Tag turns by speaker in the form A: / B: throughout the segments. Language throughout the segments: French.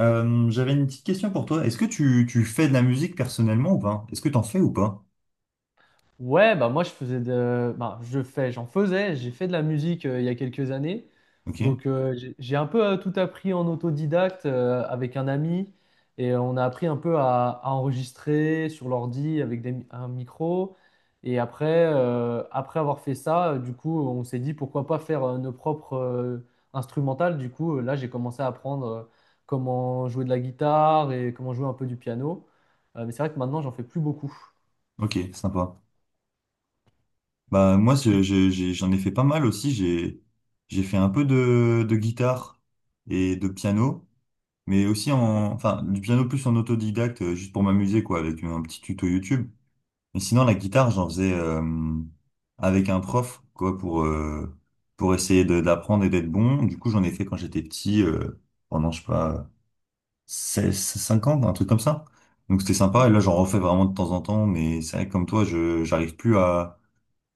A: J'avais une petite question pour toi. Est-ce que tu fais de la musique personnellement ou pas? Est-ce que t'en fais ou pas?
B: Ouais, bah moi je faisais de, bah, je fais, j'en faisais, j'ai fait de la musique il y a quelques années,
A: Ok,
B: donc j'ai un peu tout appris en autodidacte avec un ami et on a appris un peu à enregistrer sur l'ordi avec un micro et après après avoir fait ça, du coup on s'est dit pourquoi pas faire nos propres instrumentales. Du coup là j'ai commencé à apprendre comment jouer de la guitare et comment jouer un peu du piano. Mais c'est vrai que maintenant j'en fais plus beaucoup.
A: ok, sympa. Bah moi j'en ai fait pas mal aussi. J'ai fait un peu de guitare et de piano, mais aussi
B: Mhm.
A: en enfin du piano plus en autodidacte, juste pour m'amuser quoi, avec un petit tuto YouTube. Mais sinon la guitare j'en faisais avec un prof quoi pour essayer d'apprendre et d'être bon. Du coup j'en ai fait quand j'étais petit pendant je sais pas. Seize, cinq ans un truc comme ça. Donc c'était sympa. Et là,
B: Mhm.
A: j'en refais vraiment de temps en temps. Mais c'est vrai que comme toi, je j'arrive plus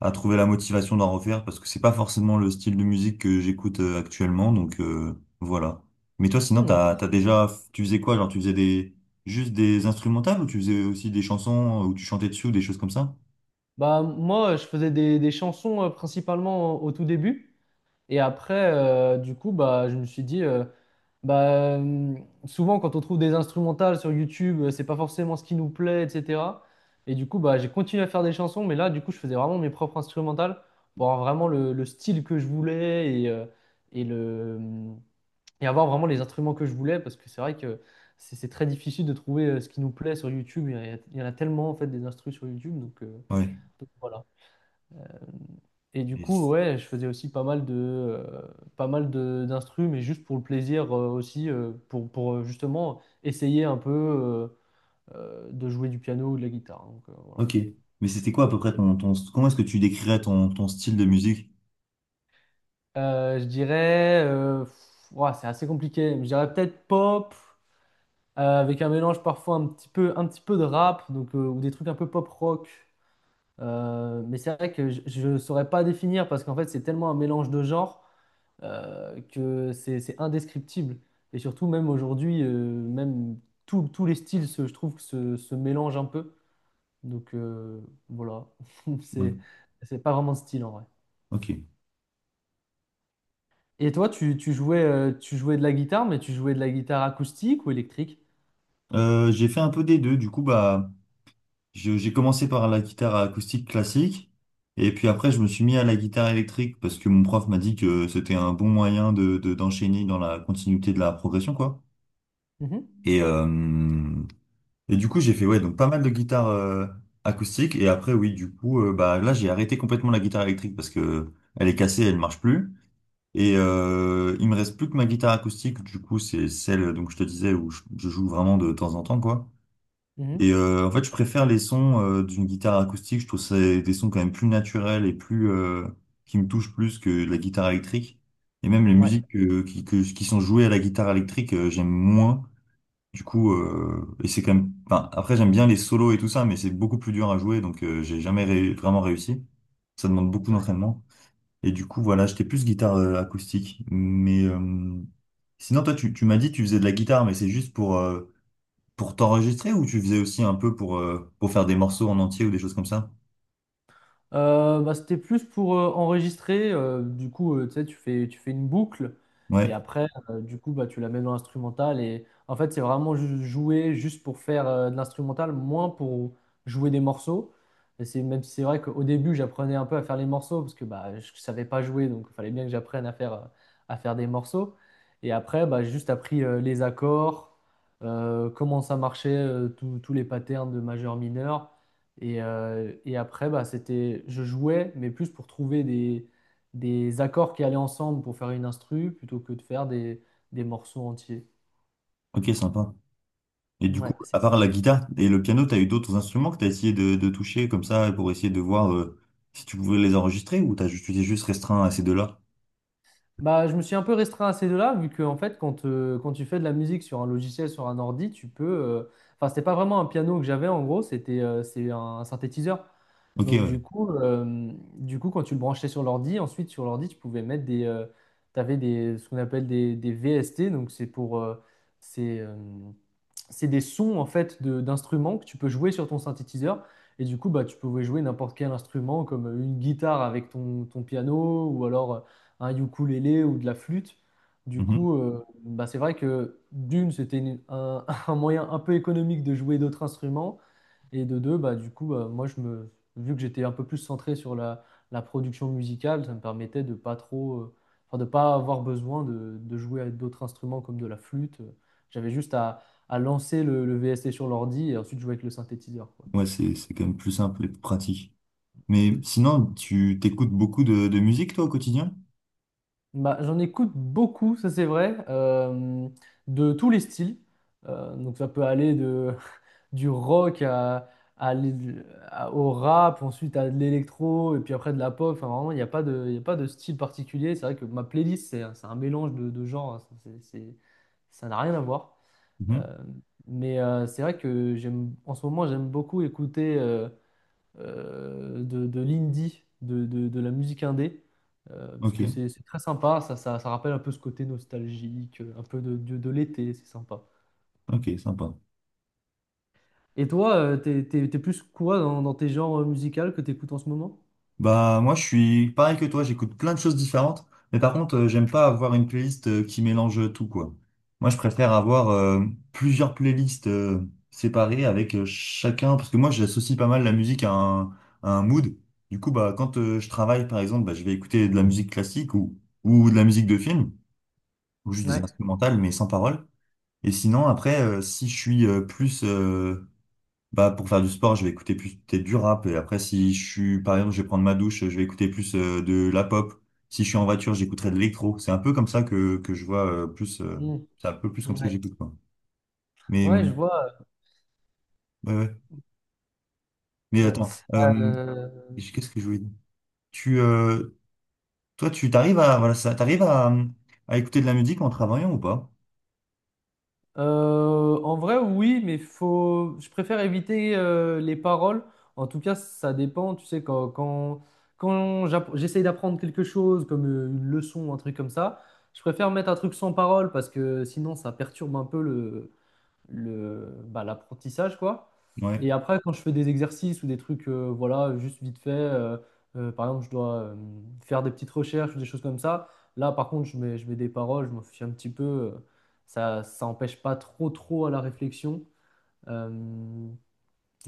A: à trouver la motivation d'en refaire parce que c'est pas forcément le style de musique que j'écoute actuellement. Voilà. Mais toi, sinon,
B: Hmm, ok.
A: t'as déjà, tu faisais quoi? Genre, tu faisais des, juste des instrumentales ou tu faisais aussi des chansons où tu chantais dessus ou des choses comme ça?
B: Bah, moi, je faisais des chansons principalement au tout début. Et après, du coup, bah, je me suis dit, bah, euh, souvent quand on trouve des instrumentales sur YouTube, c'est pas forcément ce qui nous plaît, etc. Et du coup, bah, j'ai continué à faire des chansons, mais là, du coup, je faisais vraiment mes propres instrumentales pour avoir vraiment le style que je voulais et, le, hum, et avoir vraiment les instruments que je voulais, parce que c'est vrai que c'est très difficile de trouver ce qui nous plaît sur YouTube. Il y en a tellement, en fait, des instrus sur YouTube, donc,
A: Ouais.
B: voilà. Et du
A: Mais
B: coup,
A: c'est-
B: ouais, je faisais aussi pas mal de, pas mal de d'instru, mais juste pour le plaisir aussi, pour justement essayer un peu de jouer du piano ou de la guitare. Donc, voilà.
A: Ok. Mais c'était quoi à peu près ton, comment est-ce que tu décrirais ton style de musique?
B: Je dirais, pff, ouah, c'est assez compliqué. Je dirais peut-être pop, avec un mélange parfois un petit peu de rap, donc, ou des trucs un peu pop rock. Mais c'est vrai que je ne saurais pas définir parce qu'en fait, c'est tellement un mélange de genres, que c'est indescriptible. Et surtout, même aujourd'hui, même tous les styles, je trouve, que se mélangent un peu. Donc voilà,
A: Ouais.
B: c'est c'est pas vraiment de style en vrai.
A: Ok.
B: Et toi, tu jouais, tu jouais de la guitare, mais tu jouais de la guitare acoustique ou électrique?
A: J'ai fait un peu des deux. Du coup, bah. J'ai commencé par la guitare acoustique classique et puis après je me suis mis à la guitare électrique parce que mon prof m'a dit que c'était un bon moyen de, d'enchaîner dans la continuité de la progression quoi.
B: Mhm,
A: Et, euh, et du coup j'ai fait ouais donc pas mal de guitare acoustique et après oui du coup bah là j'ai arrêté complètement la guitare électrique parce que elle est cassée, elle marche plus et il me reste plus que ma guitare acoustique du coup c'est celle donc je te disais où je joue vraiment de temps en temps quoi.
B: mhm.
A: Et en fait, je préfère les sons d'une guitare acoustique. Je trouve ça des sons quand même plus naturels et plus qui me touchent plus que de la guitare électrique. Et même les Mhm.
B: Ouais.
A: musiques qui, qui sont jouées à la guitare électrique, j'aime moins. Du coup, et c'est quand même. Enfin, après, j'aime bien les solos et tout ça, mais c'est beaucoup plus dur à jouer, donc j'ai jamais vraiment réussi. Ça demande beaucoup
B: Ouais.
A: d'entraînement. Et du coup, voilà, j'étais plus guitare acoustique. Mais sinon, toi, tu m'as dit que tu faisais de la guitare, mais c'est juste pour t'enregistrer ou tu faisais aussi un peu pour faire des morceaux en entier ou des choses comme ça?
B: Bah, c'était plus pour enregistrer. Du coup, tu sais, tu fais, une boucle et
A: Ouais,
B: après, du coup, bah, tu la mets dans l'instrumental. Et en fait, c'est vraiment jouer juste pour faire de l'instrumental, moins pour jouer des morceaux. Et c'est même si c'est vrai qu'au début, j'apprenais un peu à faire les morceaux parce que bah, je ne savais pas jouer, donc il fallait bien que j'apprenne à faire, des morceaux. Et après, bah, j'ai juste appris les accords, comment ça marchait, tous les patterns de majeur-mineur. Et après, bah, c'était, je jouais, mais plus pour trouver des accords qui allaient ensemble pour faire une instru, plutôt que de faire des morceaux entiers.
A: ok, sympa. Et du coup,
B: Ouais,
A: à
B: c'est ça.
A: part la guitare et le piano, t'as eu d'autres instruments que t'as essayé de toucher comme ça pour essayer de voir si tu pouvais les enregistrer ou ju- tu t'es juste restreint à ces deux-là?
B: Bah, je me suis un peu restreint à ces deux-là, vu que en fait, quand, quand tu fais de la musique sur un logiciel, sur un ordi, tu peux. Enfin, c'était pas vraiment un piano que j'avais en gros, c'est un synthétiseur.
A: Ok,
B: Donc
A: ouais.
B: du coup, quand tu le branchais sur l'ordi, ensuite sur l'ordi, tu pouvais mettre des, tu avais des, ce qu'on appelle des VST, donc c'est pour, c'est, euh, c'est des sons en fait d'instruments que tu peux jouer sur ton synthétiseur. Et du coup, bah, tu pouvais jouer n'importe quel instrument, comme une guitare avec ton piano, ou alors un ukulélé ou de la flûte. Du
A: Mhm.
B: coup, bah, c'est vrai que d'une, c'était un, un moyen un peu économique de jouer d'autres instruments. Et de deux, bah, du coup, bah, moi, je me, vu que j'étais un peu plus centré sur la production musicale, ça me permettait de pas trop, enfin, de pas avoir besoin de jouer avec d'autres instruments comme de la flûte. J'avais juste à lancer le VST sur l'ordi et ensuite jouer avec le synthétiseur, quoi.
A: Ouais, c'est quand même plus simple et plus pratique. Mais sinon, tu t'écoutes beaucoup de musique, toi, au quotidien?
B: Bah, j'en écoute beaucoup, ça c'est vrai, de tous les styles. Donc ça peut aller de, du rock à l'é- au rap, ensuite à de l'électro, et puis après de la pop. Enfin, vraiment, il y a pas de style particulier. C'est vrai que ma playlist, c'est un mélange de genres, hein. Ça n'a rien à voir. Euh, mais c'est vrai que j'aime, en ce moment, j'aime beaucoup écouter. De l'indie, de la musique indé, parce
A: Ok,
B: que c'est très sympa, ça rappelle un peu ce côté nostalgique, un peu de l'été, c'est sympa.
A: ok, sympa.
B: Et toi, t'es plus quoi dans tes genres musicaux que t'écoutes en ce moment?
A: Bah moi je suis pareil que toi, j'écoute plein de choses différentes, mais par contre j'aime pas avoir une playlist qui mélange tout quoi. Moi je préfère avoir plusieurs playlists séparées avec chacun, parce que moi j'associe pas mal la musique à un mood. Du coup bah quand je travaille par exemple, bah, je vais écouter de la musique classique ou de la musique de film, ou juste des
B: Ouais.
A: instrumentales mais sans paroles. Et sinon après si je suis plus bah, pour faire du sport, je vais écouter plus peut-être du rap. Et après, si je suis, par exemple, je vais prendre ma douche, je vais écouter plus de la pop. Si je suis en voiture, j'écouterai de l'électro. C'est un peu comme ça que je vois plus.
B: Mm.
A: C'est un peu plus comme ça que
B: Ouais.
A: j'écoute, quoi. Mais,
B: Ouais, je vois.
A: ouais, ouais. Mais
B: Ouais.
A: attends,
B: Euh,
A: qu'est-ce que je voulais dire? Tu, euh, toi, tu t'arrives à, voilà, ça, t'arrives à écouter de la musique en travaillant ou pas?
B: En vrai, oui, mais faut... je préfère éviter les paroles. En tout cas, ça dépend. Tu sais, quand j'essaye d'apprendre quelque chose, comme une leçon, un truc comme ça, je préfère mettre un truc sans parole parce que sinon, ça perturbe un peu bah, l'apprentissage, quoi.
A: Ouais.
B: Et après, quand je fais des exercices ou des trucs, voilà, juste vite fait, par exemple, je dois faire des petites recherches ou des choses comme ça. Là, par contre, je mets des paroles, je m'en fiche un petit peu. Ça empêche pas trop, trop à la réflexion. Euh,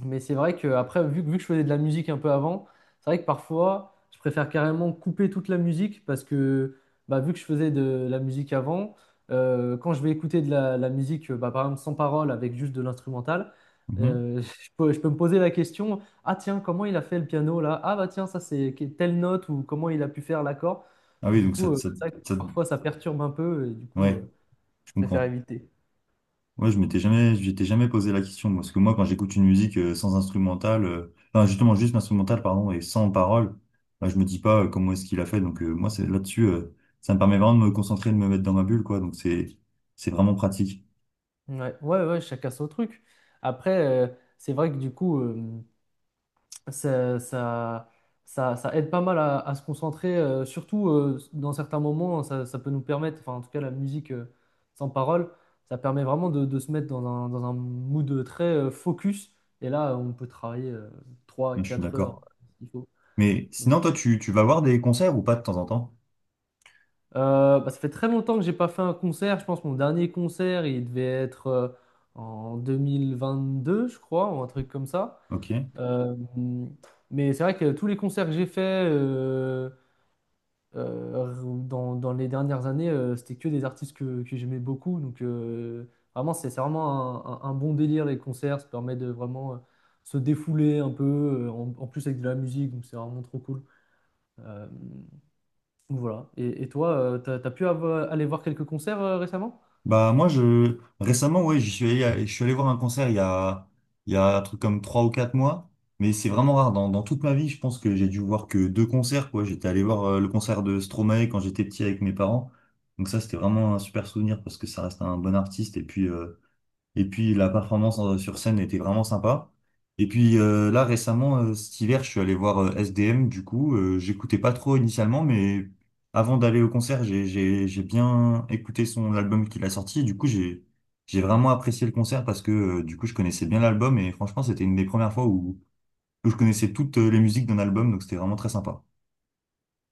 B: mais c'est vrai que après, vu que je faisais de la musique un peu avant, c'est vrai que parfois, je préfère carrément couper toute la musique parce que bah, vu que je faisais de la musique avant, quand je vais écouter de la musique, bah, par exemple sans parole, avec juste de l'instrumental,
A: Mhm.
B: euh, je peux me poser la question, ah tiens, comment il a fait le piano là? Ah bah tiens, ça c'est telle note ou comment il a pu faire l'accord.
A: Ah oui,
B: Du
A: donc
B: coup,
A: ça, ça,
B: c'est vrai que
A: ça
B: parfois ça perturbe un peu et du coup,
A: ouais, je
B: je préfère
A: comprends.
B: éviter.
A: Ouais, je m'étais jamais, j'étais jamais posé la question parce que moi, quand j'écoute une musique sans instrumental, enfin justement juste instrumental pardon et sans parole, bah, je me dis pas comment est-ce qu'il a fait. Donc moi, c'est là-dessus, ça me permet vraiment de me concentrer, de me mettre dans ma bulle, quoi. Donc c'est vraiment pratique.
B: Ouais, ouais, ouais, chacun son truc. Après, euh, c'est vrai que du coup. Ça, ça, ça aide pas mal à se concentrer, surtout dans certains moments, hein, ça peut nous permettre, enfin en tout cas la musique sans parole, ça permet vraiment de se mettre dans un mood très focus, et là on peut travailler trois
A: Ouais, je suis
B: quatre heures
A: d'accord.
B: s'il faut.
A: Mais
B: Donc,
A: sinon, toi, tu vas voir des concerts ou pas de temps en temps?
B: bah, ça fait très longtemps que j'ai pas fait un concert, je pense que mon dernier concert il devait être en 2022 je crois, ou un truc comme ça.
A: Ok.
B: Euh, mais c'est vrai que tous les concerts que j'ai faits, Euh, dans les dernières années, c'était que des artistes que j'aimais beaucoup. Donc, vraiment, c'est vraiment un bon délire, les concerts. Ça permet de vraiment se défouler un peu, en plus avec de la musique. Donc, c'est vraiment trop cool. Euh, donc voilà. Et toi, aller voir quelques concerts récemment?
A: Bah moi je récemment ouais j'y suis allé à- je suis allé voir un concert il y a un truc comme trois ou quatre mois mais c'est vraiment rare dans, dans toute ma vie je pense que j'ai dû voir que deux concerts quoi j'étais allé voir le concert de Stromae quand j'étais petit avec mes parents donc ça c'était vraiment un super souvenir parce que ça reste un bon artiste et puis la performance sur scène était vraiment sympa. Et puis là récemment, cet hiver, je suis allé voir SDM. Du coup, j'écoutais pas trop initialement, mais avant d'aller au concert, j'ai bien écouté son album qu'il a sorti. Du coup, j'ai vraiment apprécié le concert parce que du coup, je connaissais bien l'album et franchement, c'était une des premières fois où je connaissais toutes les musiques d'un album, donc c'était vraiment très sympa.